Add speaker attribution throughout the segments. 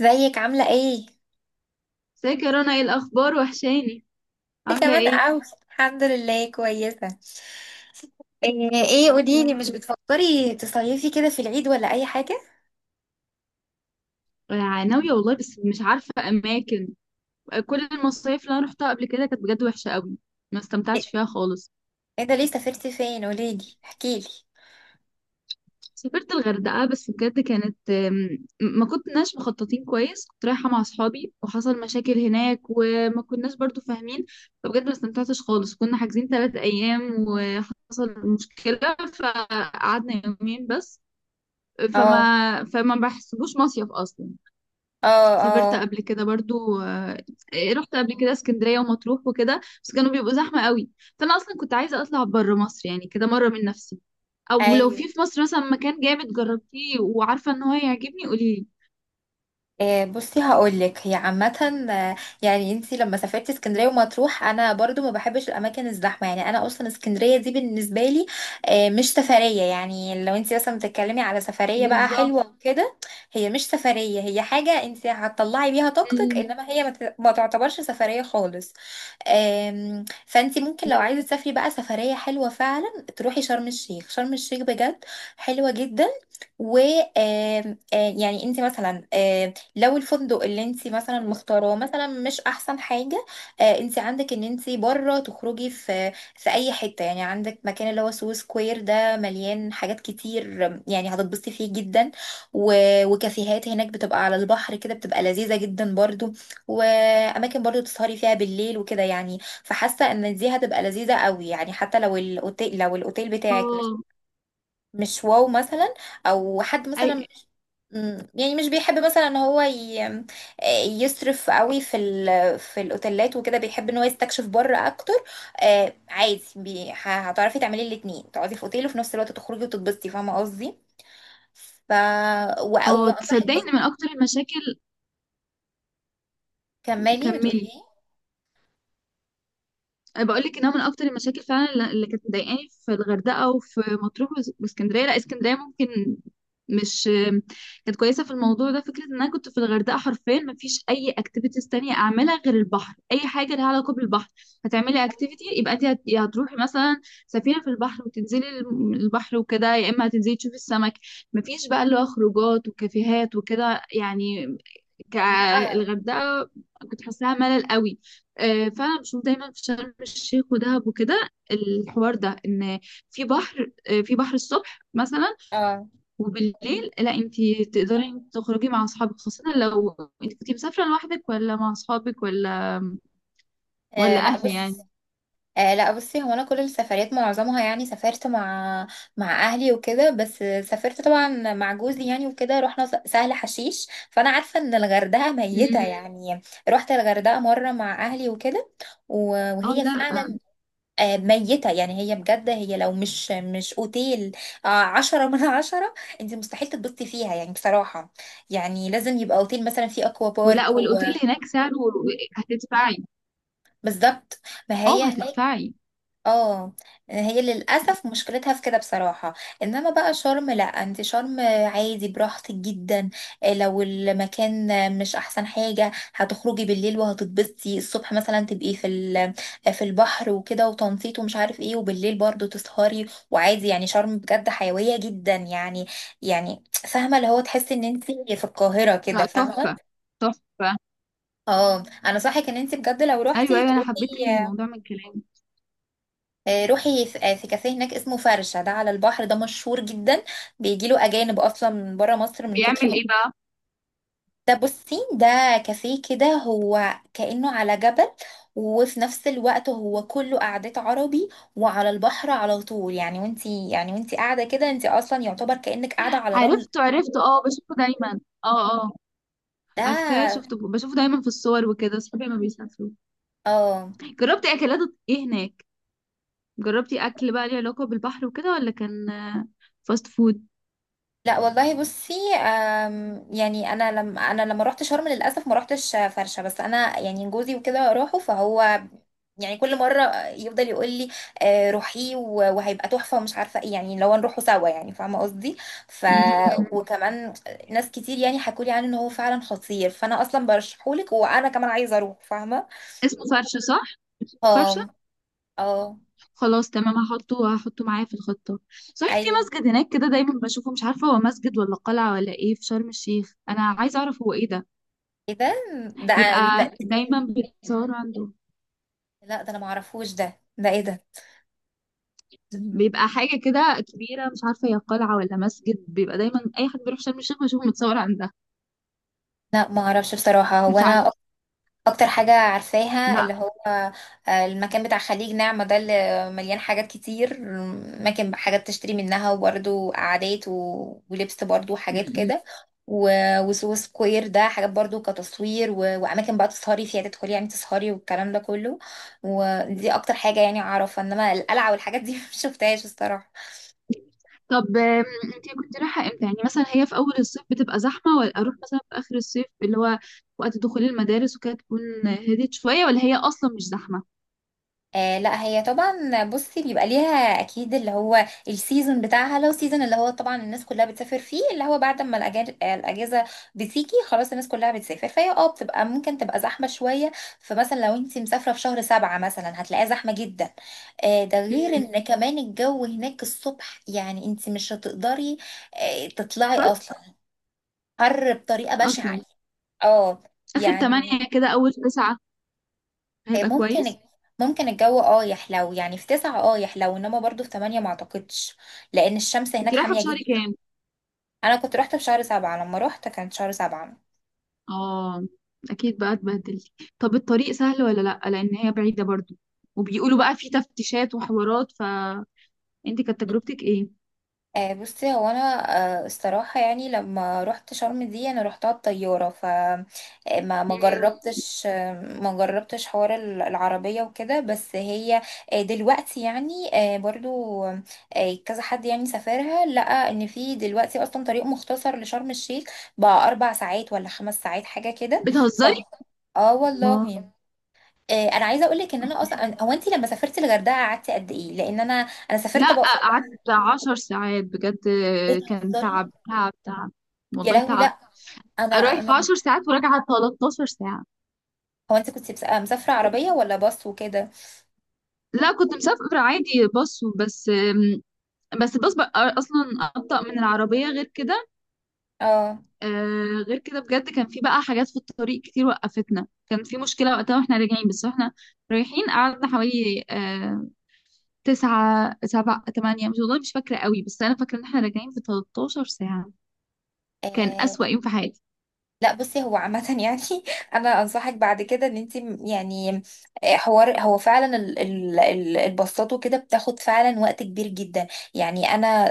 Speaker 1: ازيك عاملة ايه؟
Speaker 2: ازيك يا رنا؟ ايه الاخبار؟ وحشاني،
Speaker 1: انت
Speaker 2: عامله
Speaker 1: كمان
Speaker 2: ايه؟
Speaker 1: اوي. الحمد لله كويسة. ايه، قوليلي،
Speaker 2: تمام.
Speaker 1: مش بتفكري تصيفي كده في العيد ولا اي حاجة؟
Speaker 2: آه، ناويه والله بس مش عارفه اماكن. آه، كل المصايف اللي انا روحتها قبل كده كانت بجد وحشه قوي، ما استمتعتش فيها خالص.
Speaker 1: ايه ده، ليه سافرتي فين؟ قوليلي احكيلي.
Speaker 2: سافرت الغردقه بس بجد كانت، ما كناش مخططين كويس، كنت رايحه مع اصحابي وحصل مشاكل هناك وما كناش برضو فاهمين. فبجد ما استمتعتش خالص، كنا حاجزين 3 ايام وحصل مشكله فقعدنا يومين بس.
Speaker 1: اه
Speaker 2: فما بحسبوش مصيف اصلا.
Speaker 1: اه
Speaker 2: سافرت
Speaker 1: اه.
Speaker 2: قبل كده برضو. رحت قبل كده اسكندرية ومطروح وكده بس كانوا بيبقوا زحمة قوي. فأنا أصلا كنت عايزة أطلع بره مصر يعني كده مرة من نفسي، أو لو
Speaker 1: ايوه.
Speaker 2: في مصر مثلا مكان جامد جربتيه وعارفة إن هو هيعجبني قوليلي.
Speaker 1: بصي هقولك، هي عامة. يعني انتي لما سافرت اسكندرية ومطروح، انا برضو ما بحبش الاماكن الزحمة. يعني انا اصلا اسكندرية دي بالنسبة لي، مش سفرية. يعني لو انتي مثلا بتتكلمي على سفرية بقى
Speaker 2: بالظبط.
Speaker 1: حلوة وكده، هي مش سفرية. هي حاجة انتي هتطلعي بيها طاقتك،
Speaker 2: ال-
Speaker 1: انما هي ما تعتبرش سفرية خالص. فانتي ممكن لو عايزة تسافري بقى سفرية حلوة فعلا تروحي شرم الشيخ. شرم الشيخ بجد حلوة جدا. و آم، آه، يعني انت مثلا، لو الفندق اللي انت مثلا مختاراه مثلا مش احسن حاجه، آه انت عندك ان انت بره تخرجي في اي حته. يعني عندك مكان اللي هو سو سكوير، ده مليان حاجات كتير. يعني هتتبسطي فيه جدا. و... وكافيهات هناك بتبقى على البحر كده، بتبقى لذيذه جدا برضو. واماكن برضو تسهري فيها بالليل وكده يعني. فحاسه ان دي هتبقى لذيذه قوي يعني، حتى لو الاوتيل، لو الاوتيل بتاعك مش
Speaker 2: اه.
Speaker 1: مش واو مثلا، او حد مثلا
Speaker 2: أي-
Speaker 1: يعني مش بيحب مثلا ان هو يصرف قوي في الاوتيلات وكده، بيحب ان هو يستكشف بره اكتر. آه عادي. هتعرفي تعملي الاتنين، تقعدي في اوتيل وفي نفس الوقت تخرجي وتتبسطي، فاهمه قصدي. ف و...
Speaker 2: اه،
Speaker 1: وانصحك
Speaker 2: تصدقي إن
Speaker 1: برضه.
Speaker 2: من أكتر المشاكل.
Speaker 1: كملي بتقولي
Speaker 2: كملي،
Speaker 1: ايه.
Speaker 2: انا بقول لك انها من اكتر المشاكل فعلا، اللي كانت مضايقاني في الغردقه وفي مطروح واسكندريه. لا، اسكندريه ممكن مش كانت كويسه في الموضوع ده. فكره ان انا كنت في الغردقه حرفيا ما فيش اي اكتيفيتيز تانية اعملها غير البحر، اي حاجه لها علاقه بالبحر. هتعملي اكتيفيتي يبقى انت يا هتروحي مثلا سفينه في البحر وتنزلي البحر وكده، يا اما هتنزلي تشوفي السمك. ما فيش بقى اللي هو خروجات وكافيهات وكده يعني،
Speaker 1: لا.
Speaker 2: كالغردقه. كنت حاساها ملل قوي. فانا بشوف دايما في شرم الشيخ ودهب وكده الحوار ده، ان في بحر، في بحر الصبح مثلا،
Speaker 1: اه.
Speaker 2: وبالليل لا انت تقدري إنت تخرجي مع اصحابك، خاصة لو انت كنتي مسافرة لوحدك ولا مع اصحابك ولا ولا
Speaker 1: لا
Speaker 2: اهلي
Speaker 1: بص.
Speaker 2: يعني.
Speaker 1: لا بصي، هو انا كل السفريات معظمها يعني سافرت مع اهلي وكده، بس سافرت طبعا مع جوزي يعني وكده، رحنا سهل حشيش، فانا عارفه ان الغردقه ميته
Speaker 2: مم.
Speaker 1: يعني. رحت الغردقه مره مع اهلي وكده،
Speaker 2: اه
Speaker 1: وهي
Speaker 2: لا.
Speaker 1: فعلا ميته يعني. هي بجد، هي لو مش اوتيل، 10 من 10، انت مستحيل تتبسطي فيها يعني بصراحه. يعني لازم يبقى اوتيل مثلا فيه اكوا
Speaker 2: ولا
Speaker 1: بارك
Speaker 2: والاوتيل هناك سعره، هتدفعي.
Speaker 1: بالظبط. ما
Speaker 2: اه،
Speaker 1: هي هناك.
Speaker 2: هتدفعي.
Speaker 1: اه، هي للأسف مشكلتها في كده بصراحة. انما بقى شرم، لا انت شرم عادي براحتك جدا. لو المكان مش احسن حاجة، هتخرجي بالليل وهتتبسطي الصبح مثلا، تبقي في البحر وكده وتنطيط ومش عارف ايه، وبالليل برضو تسهري. وعادي يعني شرم بجد حيوية جدا يعني. يعني فاهمة اللي هو تحسي ان انت في القاهرة كده،
Speaker 2: لا، تحفة
Speaker 1: فاهمة.
Speaker 2: تحفة.
Speaker 1: اه، انا صحك ان انت بجد لو
Speaker 2: ايوه
Speaker 1: روحتي
Speaker 2: ايوه، انا
Speaker 1: تروحي.
Speaker 2: حبيت الموضوع من كلامك.
Speaker 1: روحي في في كافيه هناك اسمه فرشة، ده على البحر، ده مشهور جدا. بيجيله أجانب أصلا من برا مصر من كتر
Speaker 2: بيعمل
Speaker 1: ما
Speaker 2: ايه بقى؟
Speaker 1: بصي، ده كافيه كده هو كأنه على جبل، وفي نفس الوقت هو كله قعدات عربي، وعلى البحر على طول يعني. وانتي يعني وانتي قاعدة كده، انتي أصلا يعتبر كأنك قاعدة على رمل.
Speaker 2: عرفته عرفته، اه، بشوفه دايما. اه اه. عارفاه،
Speaker 1: ده.
Speaker 2: شفته، بشوفه دايما في الصور وكده صحابي ما بيسافروا.
Speaker 1: اه.
Speaker 2: جربتي اكلات ايه هناك؟ جربتي اكل بقى ليه علاقة بالبحر وكده، ولا كان فاست فود؟
Speaker 1: لا والله بصي، يعني انا لما رحت شرم للاسف ما رحتش فرشه، بس انا يعني جوزي وكده راحوا، فهو يعني كل مرة يفضل يقول لي روحي وهيبقى تحفة ومش عارفة ايه يعني، لو نروحوا سوا يعني، فاهمة قصدي. ف
Speaker 2: مم.
Speaker 1: وكمان ناس كتير يعني حكولي عنه ان هو فعلا خطير، فانا اصلا برشحهولك وانا كمان عايزة اروح، فاهمة.
Speaker 2: اسمه فرشة صح؟ فرشة.
Speaker 1: اه. اه.
Speaker 2: خلاص تمام، هحطه هحطه معايا في الخطة. صحيح، في
Speaker 1: ايوه.
Speaker 2: مسجد هناك كده دايما بشوفه، مش عارفة هو مسجد ولا قلعة ولا ايه، في شرم الشيخ، انا عايزة اعرف هو ايه ده.
Speaker 1: ايه ده. ده
Speaker 2: بيبقى
Speaker 1: ده-
Speaker 2: دايما بيتصور عنده.
Speaker 1: لا ده انا معرفوش، ده ايه ده.
Speaker 2: بيبقى حاجة كده كبيرة، مش عارفة هي قلعة ولا مسجد، بيبقى دايما أي حد بيروح شرم الشيخ بشوفه متصور عندها.
Speaker 1: لا ما اعرفش بصراحة. هو
Speaker 2: مش عارفة.
Speaker 1: انا اكتر حاجة عارفاها
Speaker 2: لا.
Speaker 1: اللي هو المكان بتاع خليج نعمة ده، اللي مليان حاجات كتير. مكان حاجات تشتري منها وبرده قعدات ولبس برده
Speaker 2: م-
Speaker 1: وحاجات
Speaker 2: م.
Speaker 1: كده. وسو سكوير ده حاجات برضو كتصوير واماكن بقى تسهري فيها، تدخلي يعني تسهري والكلام ده كله. ودي اكتر حاجة يعني اعرفها. انما القلعة والحاجات دي مش شفتهاش الصراحة.
Speaker 2: طب، انتي كنت رايحة امتى؟ يعني مثلا هي في اول الصيف بتبقى زحمة، ولا اروح مثلا في اخر الصيف اللي هو وقت دخول المدارس وكده تكون هديت شوية، ولا هي اصلا مش زحمة؟
Speaker 1: آه لا، هي طبعا بصي بيبقى ليها اكيد اللي هو السيزون بتاعها. لو سيزون اللي هو طبعا الناس كلها بتسافر فيه اللي هو بعد ما الاجازه بتيجي خلاص، الناس كلها بتسافر، فهي اه بتبقى ممكن تبقى زحمه شويه. فمثلا لو انت مسافره في شهر 7 مثلا، هتلاقيها زحمه جدا. آه، ده غير
Speaker 2: امم
Speaker 1: ان كمان الجو هناك الصبح يعني انت مش هتقدري آه تطلعي
Speaker 2: فرق
Speaker 1: اصلا. حر بطريقه
Speaker 2: اصلا.
Speaker 1: بشعه اه
Speaker 2: اخر
Speaker 1: يعني.
Speaker 2: تمانية كده اول تسعة
Speaker 1: آه،
Speaker 2: هيبقى
Speaker 1: ممكن
Speaker 2: كويس.
Speaker 1: ممكن الجو اه يحلو يعني في 9، اه يحلو، انما برضو في 8 ما اعتقدش، لان الشمس
Speaker 2: كنت
Speaker 1: هناك
Speaker 2: رايحة في
Speaker 1: حامية
Speaker 2: شهر
Speaker 1: جدا.
Speaker 2: كام؟
Speaker 1: انا كنت روحت في شهر 7، لما روحت كانت شهر 7.
Speaker 2: اه، اكيد بقى اتبهدلت. طب الطريق سهل ولا لا؟ لان هي بعيدة برضو، وبيقولوا بقى في تفتيشات وحوارات، فانتي كانت تجربتك ايه؟
Speaker 1: بصي هو انا، الصراحه يعني لما رحت شرم دي انا رحتها بطياره، ف ما
Speaker 2: مم.
Speaker 1: جربتش، ما جربتش حوار العربيه وكده، بس هي دلوقتي يعني برضو كذا حد يعني سافرها لقى ان في دلوقتي اصلا طريق مختصر لشرم الشيخ، بقى 4 ساعات ولا 5 ساعات حاجه كده. ف
Speaker 2: بتهزري؟
Speaker 1: اه
Speaker 2: الله.
Speaker 1: والله. انا عايزه اقول لك ان انا اصلا، هو انت لما سافرتي الغردقه قعدتي قد ايه. لان انا، انا سافرت
Speaker 2: لا،
Speaker 1: بقى في 4.
Speaker 2: قعدت 10 ساعات بجد، كان
Speaker 1: بتهزري.
Speaker 2: تعب تعب تعب،
Speaker 1: يا
Speaker 2: والله
Speaker 1: لهوي
Speaker 2: تعب.
Speaker 1: لا. انا
Speaker 2: رايح
Speaker 1: انا،
Speaker 2: في 10 ساعات وراجعة 13 ساعة.
Speaker 1: هو انت كنت مسافره عربيه ولا باص وكده.
Speaker 2: لا، كنت مسافرة عادي باص، بس بس الباص بقى أصلا أبطأ من العربية غير كده.
Speaker 1: اه.
Speaker 2: غير كده بجد كان في بقى حاجات في الطريق كتير وقفتنا، كان في مشكلة وقتها واحنا راجعين، بس واحنا رايحين قعدنا حوالي تسعة سبعة تمانية، مش والله مش فاكرة قوي، بس أنا فاكرة إن احنا راجعين في 13 ساعة. كان
Speaker 1: آه،
Speaker 2: أسوأ يوم في حياتي.
Speaker 1: لا بصي هو عامة يعني، أنا أنصحك بعد كده إن أنت يعني، حوار هو فعلا الباصات وكده بتاخد فعلا وقت كبير جدا. يعني أنا،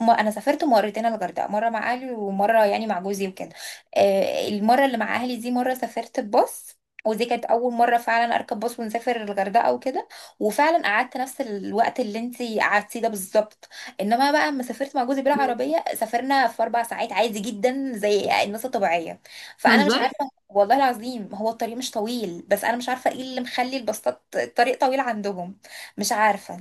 Speaker 1: أنا سافرت مرتين الغردقة، مرة مع أهلي ومرة يعني مع جوزي وكده. المرة اللي مع أهلي دي مرة سافرت بباص، ودي كانت أول مرة فعلا أركب باص ونسافر الغردقة وكده، وفعلا قعدت نفس الوقت اللي أنت قعدتيه ده بالظبط. إنما بقى لما سافرت مع جوزي بالعربية، سافرنا في 4 ساعات عادي جدا زي الناس الطبيعية.
Speaker 2: مم.
Speaker 1: فانا مش عارفه والله العظيم، هو الطريق مش طويل، بس انا مش عارفه ايه اللي مخلي الباصات الطريق طويل عندهم. مش عارفه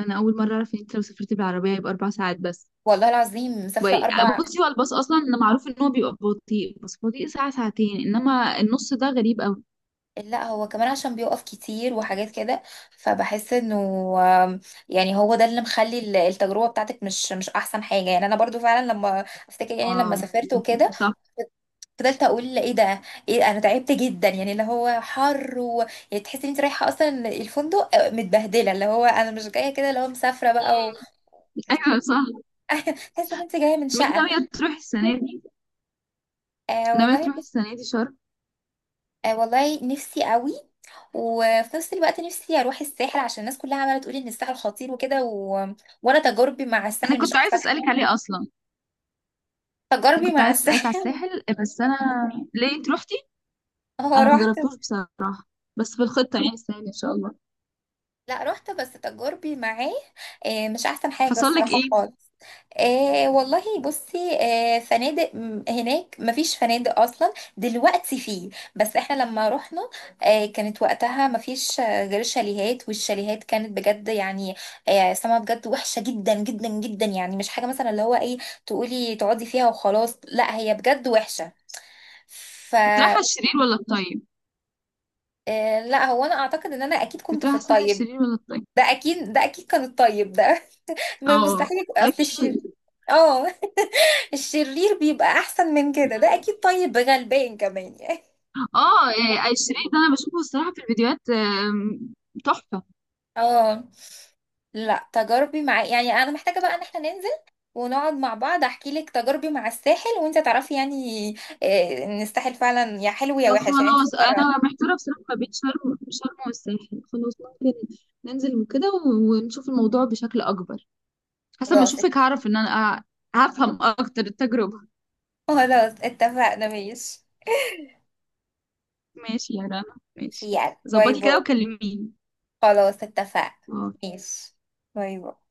Speaker 2: انا اول مره اعرف ان انت لو سافرت بالعربيه يبقى 4 ساعات بس.
Speaker 1: والله العظيم، مسافره
Speaker 2: وي-
Speaker 1: 4.
Speaker 2: بصي هو الباص اصلا إن معروف ان هو بيبقى بطيء، بس بطيء ساعه ساعتين، انما النص ده غريب قوي.
Speaker 1: لا هو كمان عشان بيقف كتير وحاجات كده، فبحس انه آم، يعني هو ده اللي مخلي التجربه بتاعتك مش احسن حاجه. يعني انا برضو فعلا لما افتكر يعني لما
Speaker 2: اه،
Speaker 1: سافرت وكده،
Speaker 2: صح.
Speaker 1: فضلت اقول ايه ده، ايه انا تعبت جدا يعني اللي هو حر يعني تحسي ان انت رايحه اصلا الفندق متبهدله، اللي هو انا مش جايه كده اللي هو مسافره بقى.
Speaker 2: ايوه صح.
Speaker 1: تحس ان انت جايه من
Speaker 2: طب انت
Speaker 1: شقه.
Speaker 2: ناويه تروحي السنه دي؟
Speaker 1: آه
Speaker 2: ناويه
Speaker 1: والله
Speaker 2: تروحي
Speaker 1: بس.
Speaker 2: السنه دي شرم؟
Speaker 1: آه والله نفسي قوي، وفي نفس الوقت نفسي اروح الساحل عشان الناس كلها عماله تقول ان الساحل خطير وكده وانا تجاربي مع
Speaker 2: انا
Speaker 1: الساحل مش
Speaker 2: كنت عايزه
Speaker 1: احسن حاجه.
Speaker 2: اسالك عليه اصلا. انا
Speaker 1: تجاربي
Speaker 2: كنت
Speaker 1: مع
Speaker 2: عايزه اسالك على
Speaker 1: الساحل.
Speaker 2: الساحل، بس انا، ليه انت روحتي؟
Speaker 1: اه
Speaker 2: انا ما
Speaker 1: رحت.
Speaker 2: جربتوش بصراحه، بس في الخطه يعني السنه دي ان شاء الله.
Speaker 1: لا رحت، بس تجاربي معاه مش احسن حاجة
Speaker 2: حصل لك
Speaker 1: الصراحة
Speaker 2: ايه؟
Speaker 1: خالص. آه والله بصي، آه فنادق هناك مفيش فنادق اصلا، دلوقتي فيه، بس احنا لما رحنا، آه كانت وقتها مفيش غير شاليهات، والشاليهات كانت بجد يعني آه سما بجد وحشة جدا جدا جدا. يعني مش حاجة مثلا اللي هو ايه، تقولي تقعدي فيها وخلاص، لا هي بجد وحشة. ف
Speaker 2: كنت رايحه الشرير ولا الطيب؟
Speaker 1: لا هو انا اعتقد ان انا اكيد
Speaker 2: كنت
Speaker 1: كنت في
Speaker 2: رايحه الساحل
Speaker 1: الطيب.
Speaker 2: الشرير ولا الطيب؟
Speaker 1: ده اكيد، ده اكيد كان الطيب ده. ما
Speaker 2: اه،
Speaker 1: مستحيل اصل
Speaker 2: اكيد.
Speaker 1: الشر. اه. الشرير بيبقى احسن من كده، ده اكيد طيب غلبان كمان يعني.
Speaker 2: اه، يعني الشريط ده انا بشوفه الصراحه في الفيديوهات، تحفه.
Speaker 1: اه. لا تجاربي مع، يعني انا محتاجه بقى ان احنا ننزل ونقعد مع بعض، احكي لك تجاربي مع الساحل وانت تعرفي يعني ان الساحل فعلا يا حلو يا وحش يعني، انت
Speaker 2: فخلاص
Speaker 1: تقرر.
Speaker 2: انا محتاره بصراحه ما بين شرم شرم والساحل. خلاص ممكن ننزل وكده ونشوف الموضوع بشكل اكبر، حسب ما
Speaker 1: خلاص
Speaker 2: اشوفك
Speaker 1: ات-
Speaker 2: هعرف ان انا هفهم اكتر التجربه.
Speaker 1: خلاص اتفقنا ماشي.
Speaker 2: ماشي يا رنا.
Speaker 1: ماشي،
Speaker 2: ماشي،
Speaker 1: يلا باي
Speaker 2: ظبطي كده
Speaker 1: باي.
Speaker 2: وكلميني.
Speaker 1: خلاص اتفقنا.
Speaker 2: آه،
Speaker 1: ماشي. باي باي.